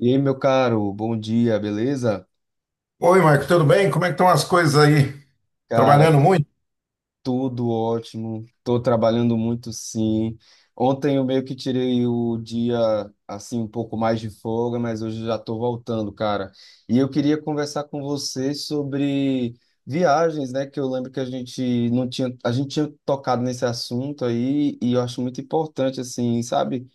E aí, meu caro, bom dia, beleza? Oi, Marco, tudo bem? Como é que estão as coisas aí? Cara, Trabalhando muito? tudo ótimo. Estou trabalhando muito, sim. Ontem eu meio que tirei o dia assim um pouco mais de folga, mas hoje já estou voltando, cara. E eu queria conversar com você sobre viagens, né? Que eu lembro que a gente não tinha, a gente tinha tocado nesse assunto aí e eu acho muito importante, assim, sabe?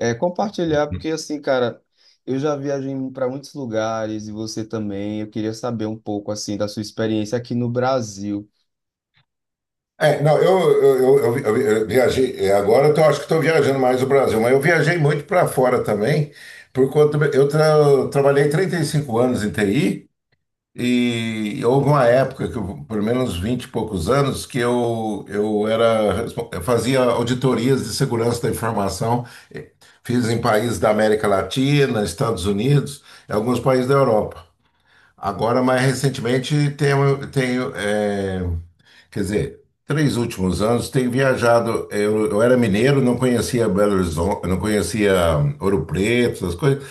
É, compartilhar, porque assim, cara, eu já viajei para muitos lugares e você também. Eu queria saber um pouco assim da sua experiência aqui no Brasil. É, não, eu viajei, agora acho que estou viajando mais o Brasil, mas eu viajei muito para fora também, por conta, eu trabalhei 35 anos em TI e houve uma época, que eu, pelo menos 20 e poucos anos, que eu era, eu fazia auditorias de segurança da informação, eh, fiz em países da América Latina, Estados Unidos, e alguns países da Europa. Agora, mais recentemente, quer dizer, 3 últimos anos, tenho viajado. Eu era mineiro, não conhecia Belo Horizonte, não conhecia Ouro Preto, essas coisas.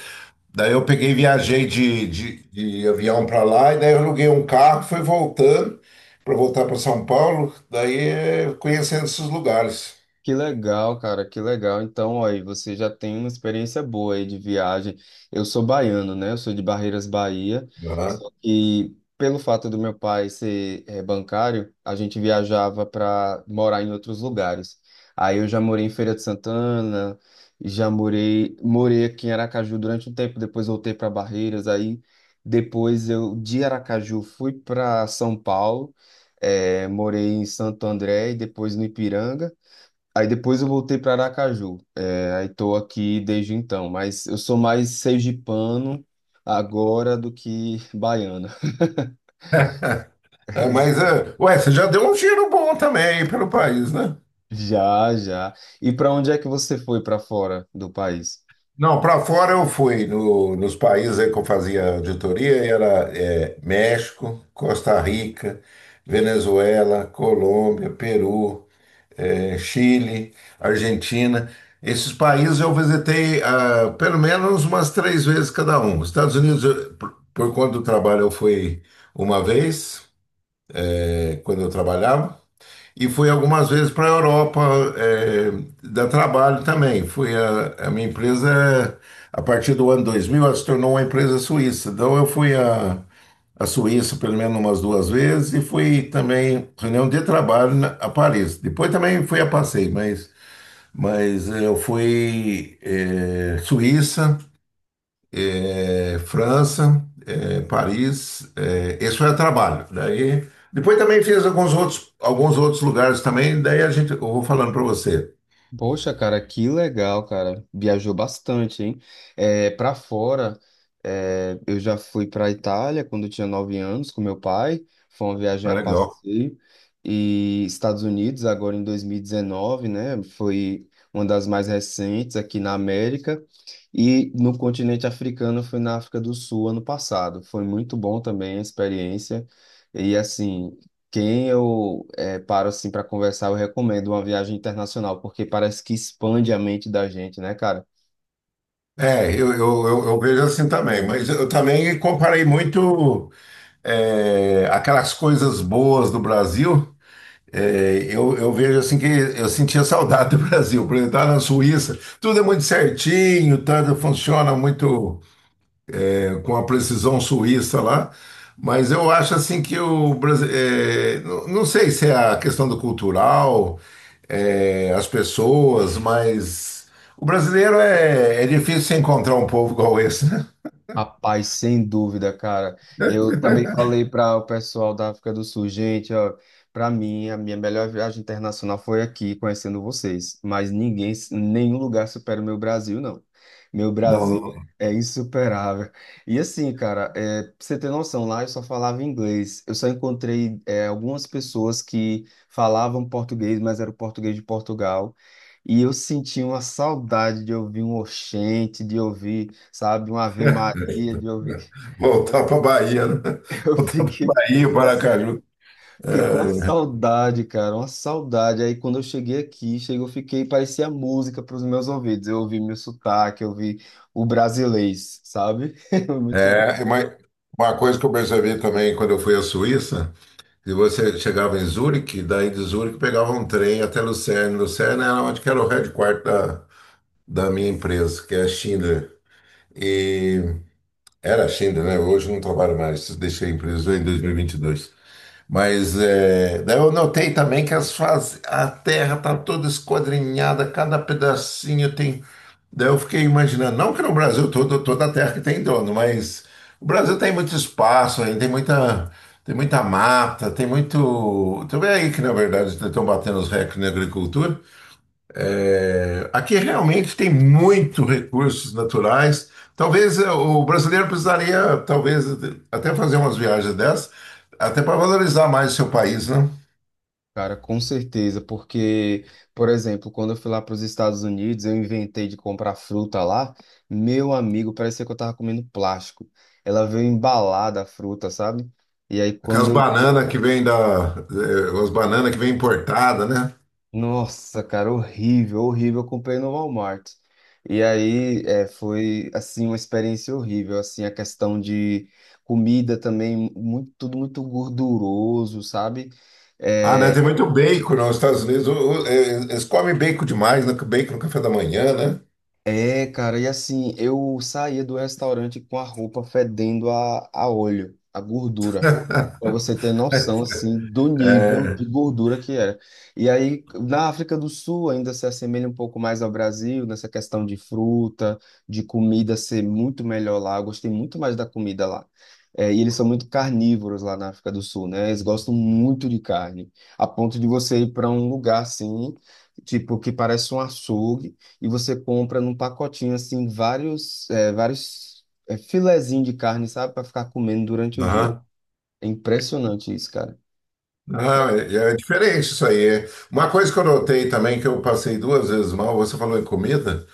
Daí eu peguei, viajei de avião para lá, e daí eu aluguei um carro, fui voltando para voltar para São Paulo, daí conhecendo esses lugares. Que legal, cara, que legal. Então, ó, aí você já tem uma experiência boa aí de viagem. Eu sou baiano, né? Eu sou de Barreiras, Bahia. Aham. Só que pelo fato do meu pai ser bancário, a gente viajava para morar em outros lugares. Aí eu já morei em Feira de Santana, já morei aqui em Aracaju durante um tempo, depois voltei para Barreiras. Aí depois eu de Aracaju fui para São Paulo, morei em Santo André e depois no Ipiranga. Aí depois eu voltei para Aracaju. É, aí tô aqui desde então, mas eu sou mais sergipano agora do que baiano. É, mas, é, ué, você já deu um giro bom também aí pelo país, né? Já, já. E para onde é que você foi para fora do país? Não, para fora eu fui nos países aí que eu fazia auditoria, era México, Costa Rica, Venezuela, Colômbia, Peru, Chile, Argentina. Esses países eu visitei pelo menos umas 3 vezes cada um. Estados Unidos, por conta do trabalho, eu fui uma vez, é, quando eu trabalhava. E fui algumas vezes para a Europa, é, dar trabalho também. Fui a minha empresa, é, a partir do ano 2000, ela se tornou uma empresa suíça. Então eu fui a Suíça pelo menos umas 2 vezes e fui também reunião de trabalho a Paris. Depois também fui a passeio, mas eu fui Suíça, é, França, é, Paris, é, esse foi a trabalho. Daí, depois também fiz alguns outros lugares também, daí a gente, eu vou falando para você. Poxa, cara, que legal, cara. Viajou bastante, hein? É, para fora, eu já fui para Itália quando eu tinha 9 anos com meu pai. Foi uma viagem Ah, a legal. passeio. E Estados Unidos, agora em 2019, né? Foi uma das mais recentes aqui na América. E no continente africano, eu fui na África do Sul ano passado. Foi muito bom também a experiência. E assim, quem eu paro assim para conversar, eu recomendo uma viagem internacional, porque parece que expande a mente da gente, né, cara? É, eu vejo assim também, mas eu também comparei muito aquelas coisas boas do Brasil. É, eu vejo assim que eu sentia saudade do Brasil, por exemplo, estar na Suíça, tudo é muito certinho, tudo funciona muito, com a precisão suíça lá, mas eu acho assim que o Brasil, é, não, não sei se é a questão do cultural, é, as pessoas, mas o brasileiro é, é difícil você encontrar um povo igual esse, né? Rapaz, sem dúvida, cara. Eu também falei para o pessoal da África do Sul, gente, ó, para mim a minha melhor viagem internacional foi aqui, conhecendo vocês. Mas ninguém, nenhum lugar supera o meu Brasil, não. Meu Brasil Não, é insuperável. E assim, cara, pra você ter noção, lá eu só falava inglês. Eu só encontrei algumas pessoas que falavam português, mas era o português de Portugal. E eu senti uma saudade de ouvir um oxente, de ouvir sabe? Uma Ave Maria de ouvir. voltar para Bahia, né? Eu Voltar para Bahia, com a, Paracaju. fiquei com a saudade, cara, uma saudade. Aí quando eu cheguei aqui, eu fiquei, parecia música para os meus ouvidos. Eu ouvi meu sotaque, eu ouvi o brasilês, sabe? Muito bom. Mas uma coisa que eu percebi também quando eu fui à Suíça. E você chegava em Zurique, daí de Zurique pegava um trem até Lucerne. Lucerne era onde que era o headquarter da, da minha empresa, que é a Schindler. E era a Schindler, né? Hoje eu não trabalho mais, deixei a empresa em 2022. Mas é, daí eu notei também que a terra está toda esquadrinhada, cada pedacinho tem. Daí eu fiquei imaginando, não que no Brasil todo, toda a terra que tem dono, mas o Brasil tem muito espaço, aí tem muita mata, tem muito. Tu vê aí que, na verdade, estão batendo os recordes na agricultura, aqui realmente tem muito recursos naturais. Talvez o brasileiro precisaria, talvez, até fazer umas viagens dessas, até para valorizar mais o seu país, né? Cara, com certeza, porque, por exemplo, quando eu fui lá para os Estados Unidos, eu inventei de comprar fruta lá, meu amigo, parecia que eu tava comendo plástico. Ela veio embalada a fruta, sabe? E aí, Aquelas quando eu bananas que vêm da, as bananas que vêm importada, né? Nossa, cara, horrível, horrível. Eu comprei no Walmart. E aí, foi, assim, uma experiência horrível. Assim, a questão de comida também, muito, tudo muito gorduroso, sabe? Ah, né? É, Tem muito bacon nos Estados Unidos. Eles comem bacon demais, né? Bacon no café da manhã, né? é, cara, e assim, eu saía do restaurante com a roupa fedendo a, óleo, a gordura. Para você ter noção, assim, do nível de É. gordura que era. E aí, na África do Sul, ainda se assemelha um pouco mais ao Brasil, nessa questão de fruta, de comida ser muito melhor lá. Eu gostei muito mais da comida lá. É, e eles são muito carnívoros lá na África do Sul, né? Eles gostam muito de carne, a ponto de você ir para um lugar assim, tipo, que parece um açougue, e você compra num pacotinho, assim, vários, filezinhos de carne, sabe, para ficar comendo durante o dia. Aham. É impressionante isso, cara. Ah, é é diferente isso aí. É, uma coisa que eu notei também, que eu passei 2 vezes mal, você falou em comida.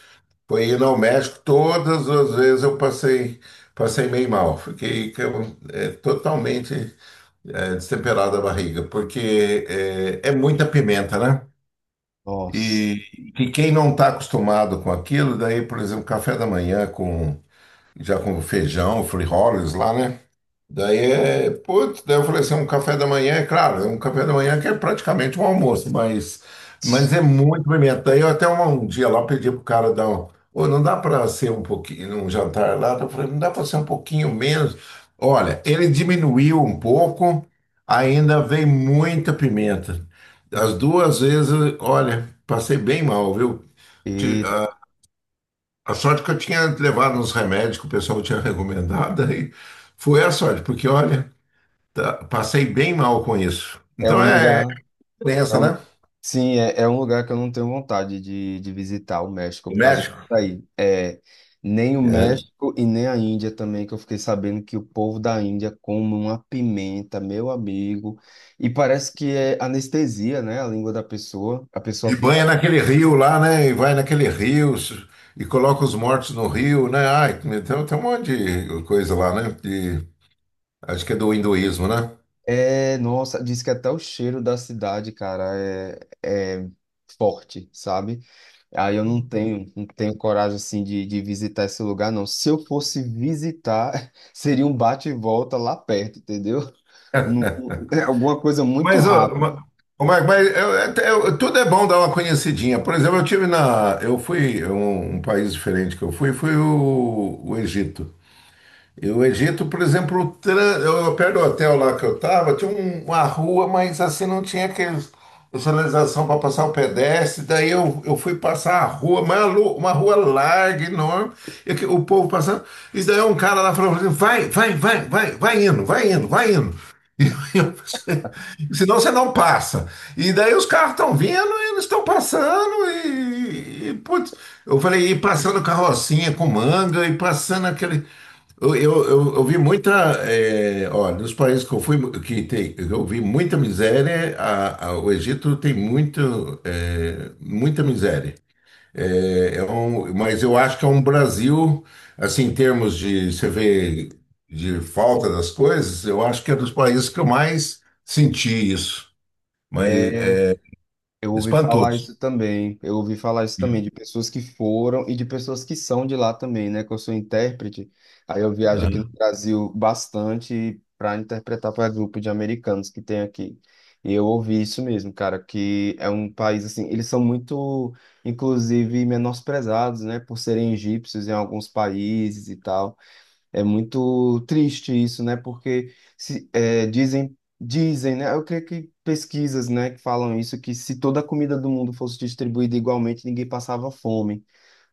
Foi ir ao México, todas as vezes eu passei, passei meio mal. Fiquei que eu, totalmente destemperada a barriga, porque é, é muita pimenta, né? Nossa. E quem não está acostumado com aquilo, daí, por exemplo, café da manhã com já com feijão, frijoles lá, né? Daí é, putz, daí eu falei assim, um café da manhã, é claro, é um café da manhã que é praticamente um almoço, mas é muito pimenta. Daí eu até um dia lá pedi pro cara dar um, ô, não dá para ser um pouquinho, um jantar lá, eu falei, não dá para ser um pouquinho menos. Olha, ele diminuiu um pouco, ainda vem muita pimenta. As 2 vezes, olha, passei bem mal, viu? Ti- Eita. A, a sorte que eu tinha levado uns remédios que o pessoal tinha recomendado, aí foi a sorte, porque olha. Tá, passei bem mal com isso. É um Então é lugar. É diferença, né? um, sim, é um lugar que eu não tenho vontade de visitar o México O por causa disso México. aí. É, nem o É. México e nem a Índia também, que eu fiquei sabendo que o povo da Índia come uma pimenta, meu amigo. E parece que é anestesia, né? A língua da pessoa. A pessoa E fica. banha naquele rio lá, né? E vai naquele rio e coloca os mortos no rio, né? Ai, então tem um monte de coisa lá, né? De, acho que é do hinduísmo, né? É, nossa, diz que até o cheiro da cidade, cara, é forte, sabe? Aí eu não tenho coragem assim de visitar esse lugar, não. Se eu fosse visitar, seria um bate e volta lá perto, entendeu? Não- é alguma coisa muito Mas, rápida. ma- ô, Marco, mas tudo é bom dar uma conhecidinha. Por exemplo, eu tive na. Eu fui. Um país diferente que eu fui, foi o Egito. E o Egito, por exemplo, eu, perto do hotel lá que eu estava, uma rua, mas assim não tinha aqueles, sinalização para passar o pedestre. Daí eu fui passar a rua, mas uma rua larga, enorme, e o povo passando. E daí um cara lá falou assim: vai, vai, vai, vai, vai indo, vai indo, vai indo. E eu pensei, senão você não passa. E daí os carros estão vindo, e eles estão passando, e, putz, eu falei, e passando carrocinha com manga, e passando aquele. Eu vi muita, eh, ó, nos países que eu fui, que tem, eu vi muita miséria, o Egito tem muito, muita miséria. É mas eu acho que é um Brasil, assim, em termos de, você vê, de falta das coisas, eu acho que é dos países que eu mais senti isso. Mas é Eu ouvi falar espantoso. isso também. Eu ouvi falar isso também de pessoas que foram e de pessoas que são de lá também, né? Que eu sou intérprete. Aí eu viajo aqui no Aham. Brasil bastante para interpretar para grupo de americanos que tem aqui. E eu ouvi isso mesmo, cara, que é um país assim, eles são muito, inclusive, menosprezados, né? Por serem egípcios em alguns países e tal. É muito triste isso, né? Porque se, dizem, dizem, né? Eu creio que pesquisas, né, que falam isso, que se toda a comida do mundo fosse distribuída igualmente, ninguém passava fome,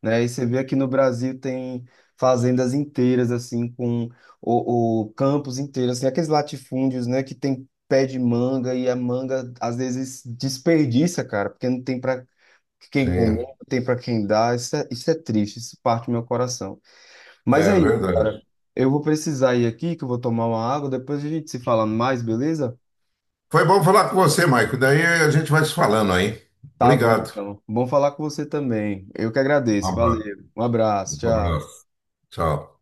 né? E você vê aqui no Brasil tem fazendas inteiras, assim, com o, campos inteiros, assim, aqueles latifúndios, né, que tem pé de manga e a manga às vezes desperdiça, cara, porque não tem para quem comer, Sim, não tem para quem dar. Isso é triste, isso parte do meu coração. Mas é aí verdade. eu vou precisar ir aqui, que eu vou tomar uma água. Depois a gente se fala mais, beleza? Foi bom falar com você, Maico. Daí a gente vai se falando aí. Tá bom, Obrigado. então. Bom falar com você também. Eu que Um agradeço. abra- Valeu. Um abraço. um Tchau. abraço. Tchau.